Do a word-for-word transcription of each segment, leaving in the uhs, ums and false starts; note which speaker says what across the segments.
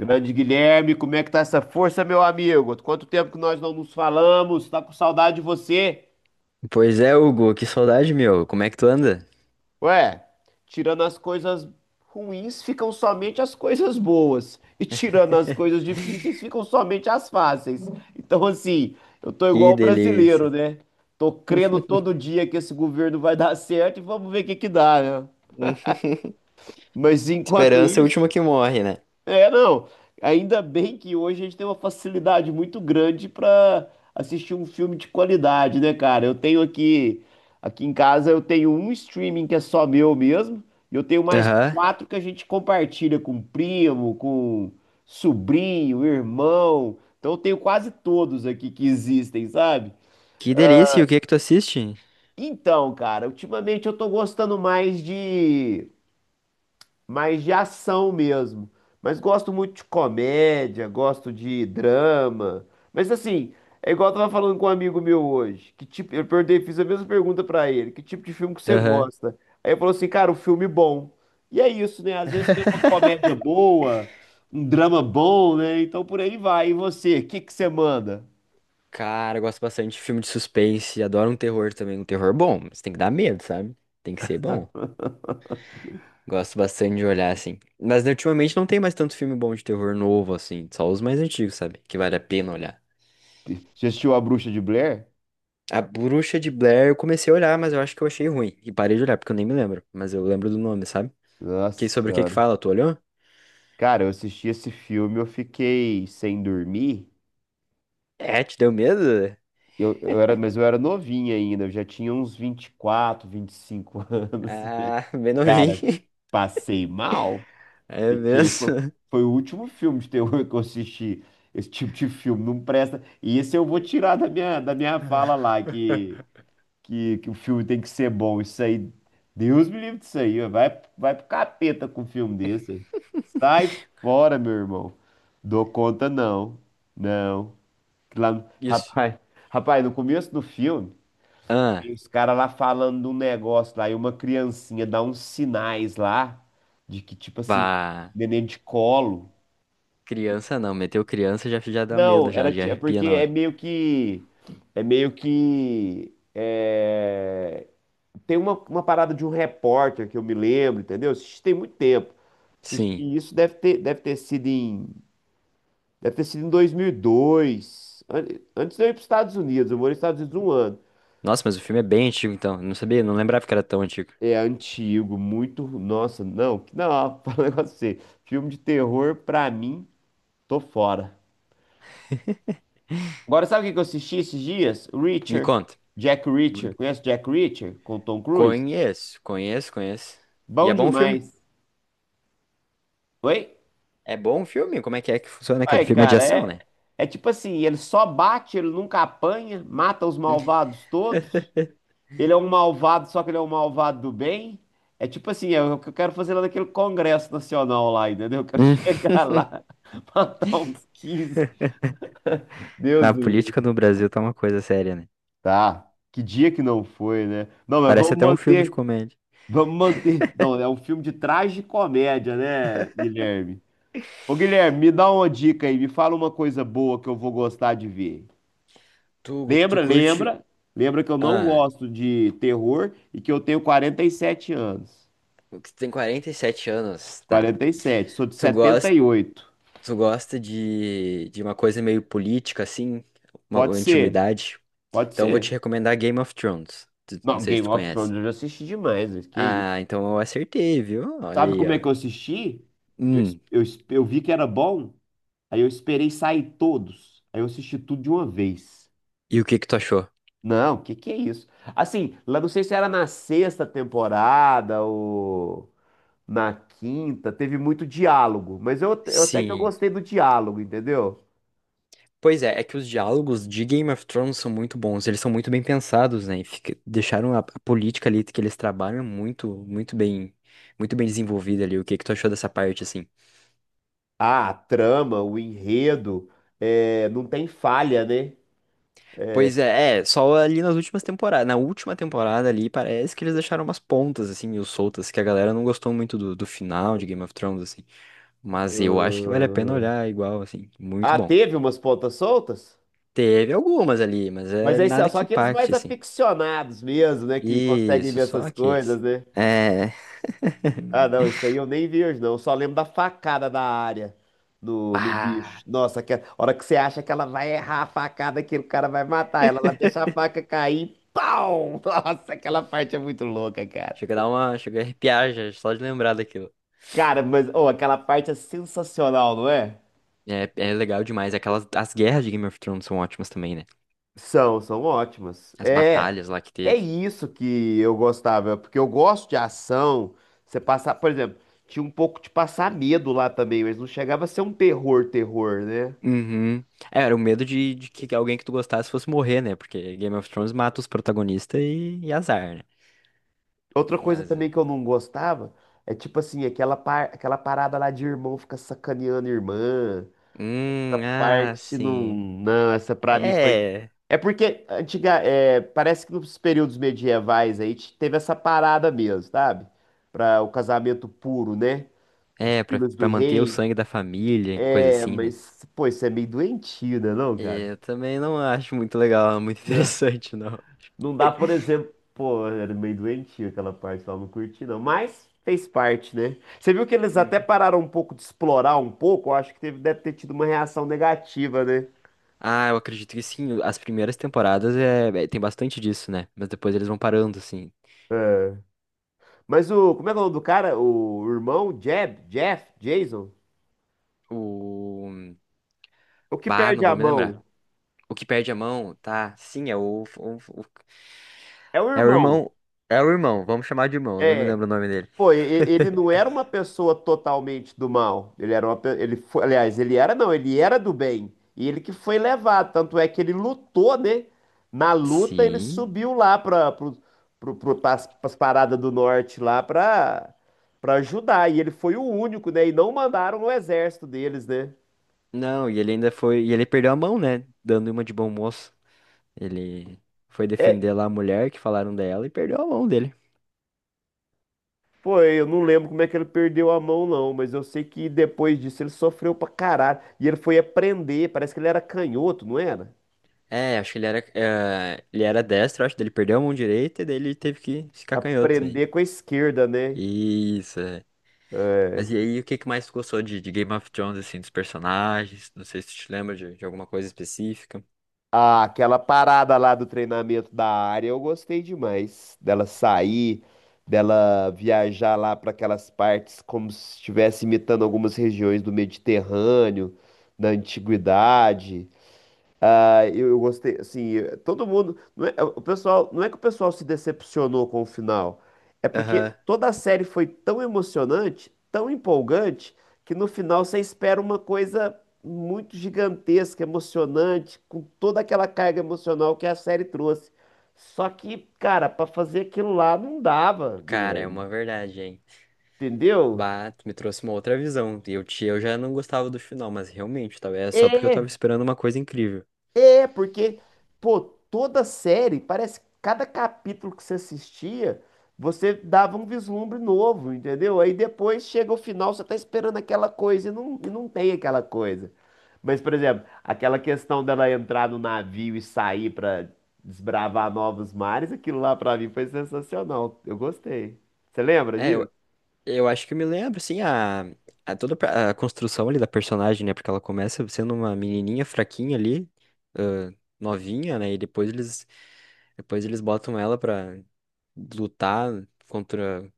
Speaker 1: Grande Guilherme, como é que tá essa força, meu amigo? Quanto tempo que nós não nos falamos? Tá com saudade de você?
Speaker 2: Pois é, Hugo, que saudade, meu. Como é que tu anda?
Speaker 1: Ué, tirando as coisas ruins, ficam somente as coisas boas. E tirando as coisas difíceis, ficam somente as fáceis. Então, assim, eu tô igual
Speaker 2: Que
Speaker 1: o brasileiro,
Speaker 2: delícia.
Speaker 1: né? Tô crendo todo dia que esse governo vai dar certo e vamos ver o que que dá, né? Mas enquanto
Speaker 2: Esperança é o último
Speaker 1: isso,
Speaker 2: que morre, né?
Speaker 1: é, não. Ainda bem que hoje a gente tem uma facilidade muito grande para assistir um filme de qualidade, né, cara? Eu tenho aqui, aqui em casa, eu tenho um streaming que é só meu mesmo, e eu tenho mais
Speaker 2: Aham.
Speaker 1: quatro que a gente compartilha com primo, com sobrinho, irmão. Então eu tenho quase todos aqui que existem, sabe?
Speaker 2: Que delícia. E o que que tu assiste?
Speaker 1: Então, cara, ultimamente eu tô gostando mais de mais de ação mesmo. Mas gosto muito de comédia, gosto de drama. Mas assim, é igual eu tava falando com um amigo meu hoje, que tipo, eu perguntei, fiz a mesma pergunta pra ele, que tipo de filme que você
Speaker 2: Aham.
Speaker 1: gosta? Aí ele falou assim, cara, um filme bom. E é isso, né? Às vezes tem uma comédia boa, um drama bom, né? Então por aí vai. E você, o que que você manda?
Speaker 2: Cara, eu gosto bastante de filme de suspense. Adoro um terror também. Um terror bom, mas tem que dar medo, sabe? Tem que ser bom. Gosto bastante de olhar assim. Mas né, ultimamente não tem mais tanto filme bom de terror novo assim. Só os mais antigos, sabe? Que vale a pena olhar.
Speaker 1: Já assistiu A Bruxa de Blair?
Speaker 2: A Bruxa de Blair eu comecei a olhar, mas eu acho que eu achei ruim. E parei de olhar, porque eu nem me lembro. Mas eu lembro do nome, sabe? Que
Speaker 1: Nossa
Speaker 2: sobre o que que
Speaker 1: Senhora.
Speaker 2: fala? Tu olhou?
Speaker 1: Cara, eu assisti esse filme, eu fiquei sem dormir.
Speaker 2: É, te deu medo?
Speaker 1: Eu, eu era, mas eu era novinho ainda, eu já tinha uns vinte vinte e quatro vinte e cinco anos.
Speaker 2: Ah, bem novinho.
Speaker 1: Cara, passei mal,
Speaker 2: É
Speaker 1: porque foi,
Speaker 2: mesmo?
Speaker 1: foi o último filme de terror que eu assisti. Esse tipo de filme não presta. E esse eu vou tirar da minha, da minha fala lá, que, que, que o filme tem que ser bom. Isso aí, Deus me livre disso aí. Vai, vai pro capeta com um filme desse. Sai fora, meu irmão. Dou conta, não. Não. Lá, no-
Speaker 2: Isso.
Speaker 1: rapaz, rapaz, no começo do filme. Tem
Speaker 2: Ah,
Speaker 1: os caras lá falando de um negócio lá, e uma criancinha dá uns sinais lá, de que, tipo assim,
Speaker 2: bah.
Speaker 1: neném de colo.
Speaker 2: Criança não, meteu criança já, já dá medo,
Speaker 1: Não,
Speaker 2: já,
Speaker 1: era
Speaker 2: já
Speaker 1: ti- é
Speaker 2: arrepia
Speaker 1: porque
Speaker 2: na
Speaker 1: é
Speaker 2: hora.
Speaker 1: meio que. É meio que. é, Tem uma, uma parada de um repórter que eu me lembro, entendeu? Assisti tem muito tempo. Assisti
Speaker 2: Sim.
Speaker 1: isso, deve ter, deve ter sido em. Deve ter sido em dois mil e dois. an- Antes de eu ir para os Estados Unidos, eu morei nos Estados Unidos um ano.
Speaker 2: Nossa, mas o filme é bem antigo então. Não sabia, não lembrava que era tão antigo.
Speaker 1: É antigo, muito. Nossa, não, que- não, fala um negócio pra você. Filme de terror, pra mim, tô fora. Agora, sabe o que que eu assisti esses dias?
Speaker 2: Me
Speaker 1: Reacher.
Speaker 2: conta.
Speaker 1: Jack
Speaker 2: Bu-
Speaker 1: Reacher. Conhece Jack Reacher com Tom Cruise?
Speaker 2: Conheço, conheço, conheço. E
Speaker 1: Bom
Speaker 2: é bom o filme?
Speaker 1: demais. Oi?
Speaker 2: É bom o filme? Como é que é que funciona
Speaker 1: Ué,
Speaker 2: aquele filme? É de
Speaker 1: cara,
Speaker 2: ação,
Speaker 1: é,
Speaker 2: né?
Speaker 1: é tipo assim: ele só bate, ele nunca apanha, mata os
Speaker 2: Hum.
Speaker 1: malvados todos. Ele é um malvado, só que ele é um malvado do bem. É tipo assim: é o que eu quero fazer lá naquele Congresso Nacional lá, entendeu? Eu quero
Speaker 2: Hum,
Speaker 1: chegar lá. Matar uns quinze Deus
Speaker 2: Na
Speaker 1: do
Speaker 2: política
Speaker 1: livro.
Speaker 2: no Brasil tá uma coisa séria, né?
Speaker 1: Tá. Que dia que não foi, né? Não, mas
Speaker 2: Parece
Speaker 1: vamos
Speaker 2: até um filme de
Speaker 1: manter.
Speaker 2: comédia.
Speaker 1: Vamos manter. Não, é um filme de tragicomédia, né, Guilherme? Ô, Guilherme, me dá uma dica aí. Me fala uma coisa boa que eu vou gostar de ver.
Speaker 2: Tu, tu
Speaker 1: Lembra,
Speaker 2: curte.
Speaker 1: lembra? Lembra que eu não
Speaker 2: Ah,
Speaker 1: gosto de terror e que eu tenho quarenta e sete anos.
Speaker 2: tu tem quarenta e sete anos, tá.
Speaker 1: quarenta e sete. Sou de
Speaker 2: Tu gosta,
Speaker 1: setenta e oito.
Speaker 2: tu gosta de, de uma coisa meio política, assim, uma
Speaker 1: Pode ser.
Speaker 2: antiguidade.
Speaker 1: Pode
Speaker 2: Então eu vou te
Speaker 1: ser.
Speaker 2: recomendar Game of Thrones. Tu- não
Speaker 1: Não,
Speaker 2: sei se
Speaker 1: Game
Speaker 2: tu
Speaker 1: of Thrones
Speaker 2: conhece.
Speaker 1: eu já assisti demais. Mas que isso?
Speaker 2: Ah, então eu acertei, viu? Olha
Speaker 1: Sabe
Speaker 2: aí,
Speaker 1: como é
Speaker 2: ó.
Speaker 1: que eu assisti? Eu,
Speaker 2: Hum,
Speaker 1: eu, eu vi que era bom. Aí eu esperei sair todos. Aí eu assisti tudo de uma vez.
Speaker 2: e o que que tu achou?
Speaker 1: Não, que que é isso? Assim, lá não sei se era na sexta temporada ou na quinta, teve muito diálogo, mas eu, eu até que eu
Speaker 2: Sim.
Speaker 1: gostei do diálogo, entendeu?
Speaker 2: Pois é, é que os diálogos de Game of Thrones são muito bons, eles são muito bem pensados, né? E fica- deixaram a, a política ali que eles trabalham muito, muito bem, muito bem desenvolvida ali. O que que tu achou dessa parte, assim?
Speaker 1: Ah, a trama, o enredo, é, não tem falha, né?
Speaker 2: Pois é, é, só ali nas últimas temporadas, na última temporada ali, parece que eles deixaram umas pontas, assim, meio soltas, que a galera não gostou muito do, do final de Game of Thrones, assim. Mas eu acho que vale a pena
Speaker 1: Hum.
Speaker 2: olhar igual, assim, muito
Speaker 1: Ah,
Speaker 2: bom.
Speaker 1: teve umas pontas soltas?
Speaker 2: Teve algumas ali, mas
Speaker 1: Mas
Speaker 2: é
Speaker 1: aí são
Speaker 2: nada
Speaker 1: só
Speaker 2: que
Speaker 1: aqueles mais
Speaker 2: impacte, assim.
Speaker 1: aficionados mesmo, né? Que conseguem
Speaker 2: Isso,
Speaker 1: ver
Speaker 2: só
Speaker 1: essas coisas,
Speaker 2: aqueles.
Speaker 1: né?
Speaker 2: É.
Speaker 1: Ah, não, isso aí eu nem vi hoje, não. Eu só lembro da facada da área no, no bicho.
Speaker 2: Pá!
Speaker 1: Nossa, que, a hora que você acha que ela vai errar a facada, que o cara vai matar ela, ela deixa a faca cair, pau! Nossa, aquela parte é muito louca, cara.
Speaker 2: Chega a dar uma. Chega a arrepiar já, só de lembrar daquilo.
Speaker 1: Cara, mas, oh, aquela parte é sensacional, não é?
Speaker 2: É, é legal demais. Aquelas, as guerras de Game of Thrones são ótimas também, né?
Speaker 1: São, são ótimas.
Speaker 2: As
Speaker 1: É,
Speaker 2: batalhas lá que
Speaker 1: é
Speaker 2: teve.
Speaker 1: isso que eu gostava, porque eu gosto de ação. Você passar, por exemplo, tinha um pouco de passar medo lá também, mas não chegava a ser um terror, terror, né?
Speaker 2: Uhum. É, era o medo de, de que alguém que tu gostasse fosse morrer, né? Porque Game of Thrones mata os protagonistas e, e azar, né?
Speaker 1: Outra coisa
Speaker 2: Mas.
Speaker 1: também
Speaker 2: eh,
Speaker 1: que eu não gostava é tipo assim, aquela, par... aquela parada lá de irmão ficar sacaneando irmã. Essa
Speaker 2: Hum, ah,
Speaker 1: parte não.
Speaker 2: sim.
Speaker 1: Não, essa pra mim foi.
Speaker 2: É.
Speaker 1: É porque antiga... é, parece que nos períodos medievais aí t- teve essa parada mesmo, sabe? Para o casamento puro, né? Os
Speaker 2: É, pra,
Speaker 1: filhos do
Speaker 2: pra manter o
Speaker 1: rei.
Speaker 2: sangue da família, coisa
Speaker 1: É,
Speaker 2: assim, né?
Speaker 1: mas, pô, isso é meio doentio, né, não, cara?
Speaker 2: Eu também não acho muito legal, muito interessante, não.
Speaker 1: Não dá, por exemplo, pô, era meio doentio aquela parte lá, não curti não, mas fez parte, né? Você viu que eles até pararam um pouco de explorar um pouco, eu acho que teve, deve ter tido uma reação negativa, né?
Speaker 2: Ah, eu acredito que sim. As primeiras temporadas é, é- tem bastante disso, né? Mas depois eles vão parando, assim.
Speaker 1: Mas o, como é que é o nome do cara? O irmão, Jeb, Jeff, Jason?
Speaker 2: O.
Speaker 1: O que
Speaker 2: Bah,
Speaker 1: perde
Speaker 2: não vou
Speaker 1: a
Speaker 2: me lembrar.
Speaker 1: mão?
Speaker 2: O que perde a mão, tá? Sim, é o. o- o-
Speaker 1: É o
Speaker 2: É o
Speaker 1: irmão.
Speaker 2: irmão. É o irmão, vamos chamar de irmão, eu não me
Speaker 1: É.
Speaker 2: lembro o nome dele.
Speaker 1: Pô, e- e- ele não era uma pessoa totalmente do mal. Ele era uma, pe- ele foi, aliás, ele era não, ele era do bem. E ele que foi levado, tanto é que ele lutou, né? Na luta ele
Speaker 2: Sim.
Speaker 1: subiu lá para pro, pro, pro, pras, pras paradas do norte lá para para ajudar. E ele foi o único, né? E não mandaram o exército deles, né?
Speaker 2: Não, e ele ainda foi. E ele perdeu a mão, né? Dando uma de bom moço. Ele foi
Speaker 1: É,
Speaker 2: defender lá a mulher que falaram dela e perdeu a mão dele.
Speaker 1: foi, eu não lembro como é que ele perdeu a mão, não, mas eu sei que depois disso ele sofreu pra caralho. E ele foi aprender, parece que ele era canhoto, não era?
Speaker 2: É, acho que ele era. Eh, ele era destro, acho que ele perdeu a mão direita e daí ele teve que ficar canhoto aí.
Speaker 1: Aprender com a esquerda, né?
Speaker 2: Isso, é. Mas e aí, o que que mais tu gostou de, de Game of Thrones, assim, dos personagens? Não sei se tu te lembra de, de alguma coisa específica.
Speaker 1: Ah, aquela parada lá do treinamento da área, eu gostei demais. Dela sair, dela viajar lá para aquelas partes como se estivesse imitando algumas regiões do Mediterrâneo, da antiguidade. Ah, eu, eu gostei, assim, eh, todo mundo, não é, o pessoal, não é que o pessoal se decepcionou com o final, é porque
Speaker 2: Aham.
Speaker 1: toda a série foi tão emocionante, tão empolgante, que no final você espera uma coisa muito gigantesca, emocionante, com toda aquela carga emocional que a série trouxe. Só que, cara, pra fazer aquilo lá não dava,
Speaker 2: Cara, é
Speaker 1: Guilherme,
Speaker 2: uma verdade, hein?
Speaker 1: entendeu?
Speaker 2: Bah, tu me trouxe uma outra visão. Eu, te- eu já não gostava do final, mas realmente, talvez é só porque eu tava
Speaker 1: É,
Speaker 2: esperando uma coisa incrível.
Speaker 1: É, porque, pô, toda série, parece que cada capítulo que você assistia, você dava um vislumbre novo, entendeu? Aí depois chega o final, você tá esperando aquela coisa e não, e não tem aquela coisa. Mas, por exemplo, aquela questão dela entrar no navio e sair pra desbravar novos mares, aquilo lá pra mim foi sensacional. Eu gostei. Você lembra
Speaker 2: É,
Speaker 1: disso?
Speaker 2: eu, eu acho que eu me lembro, assim, a, a toda a construção ali da personagem, né? Porque ela começa sendo uma menininha fraquinha ali, ãh, novinha, né? E depois eles, depois eles botam ela pra lutar contra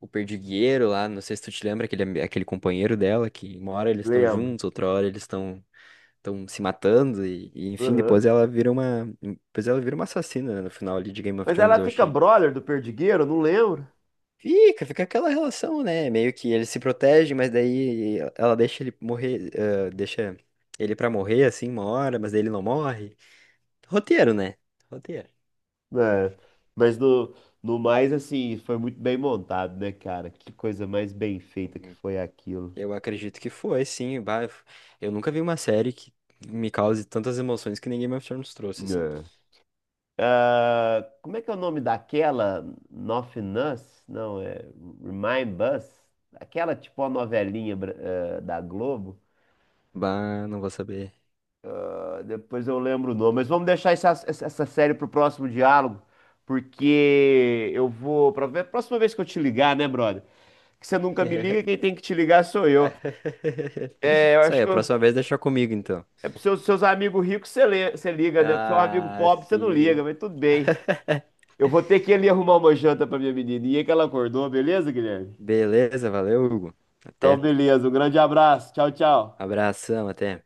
Speaker 2: o perdigueiro lá, não sei se tu te lembra, aquele, ami- aquele companheiro dela, que uma hora eles estão
Speaker 1: Lembro.
Speaker 2: juntos, outra hora eles estão estão se matando, e, e, enfim,
Speaker 1: Aham.
Speaker 2: depois ela vira uma. Depois ela vira uma assassina, né, no final ali de Game of
Speaker 1: Mas
Speaker 2: Thrones,
Speaker 1: ela
Speaker 2: eu
Speaker 1: fica
Speaker 2: achei.
Speaker 1: brother do Perdigueiro, eu não lembro.
Speaker 2: Fica, fica aquela relação, né? Meio que ele se protege, mas daí ela deixa ele morrer, ah, deixa ele pra morrer assim uma hora, mas daí ele não morre. Roteiro, né? Roteiro.
Speaker 1: É, mas no, no mais, assim, foi muito bem montado, né, cara? Que coisa mais bem feita que
Speaker 2: Uhum.
Speaker 1: foi aquilo.
Speaker 2: Eu acredito que foi, sim. Bah, eu nunca vi uma série que me cause tantas emoções que nem Game of Thrones trouxe, assim.
Speaker 1: É. Ah, como é que é o nome daquela? Nothing Us? Não, é Remind Us? Aquela tipo a novelinha bra- eh, da Globo.
Speaker 2: Bah, não vou saber.
Speaker 1: Ah, Depois eu lembro o nome, mas vamos deixar essa, essa essa série pro próximo diálogo, porque eu vou. Pra ver, próxima vez que eu te ligar, né, brother? Que você nunca me liga, quem tem que te ligar sou eu. É, eu
Speaker 2: Isso
Speaker 1: acho
Speaker 2: aí, a
Speaker 1: que eu,
Speaker 2: próxima vez deixa comigo, então.
Speaker 1: é para os seus, seus amigos ricos você lê- você liga, né? Para seu amigo
Speaker 2: Ah,
Speaker 1: pobre você não liga,
Speaker 2: sim.
Speaker 1: mas tudo bem. Eu vou ter que ir ali arrumar uma janta para minha menininha que ela acordou, beleza, Guilherme?
Speaker 2: Beleza, valeu, Hugo.
Speaker 1: Então,
Speaker 2: Até.
Speaker 1: beleza. Um grande abraço. Tchau, tchau.
Speaker 2: Abração, até.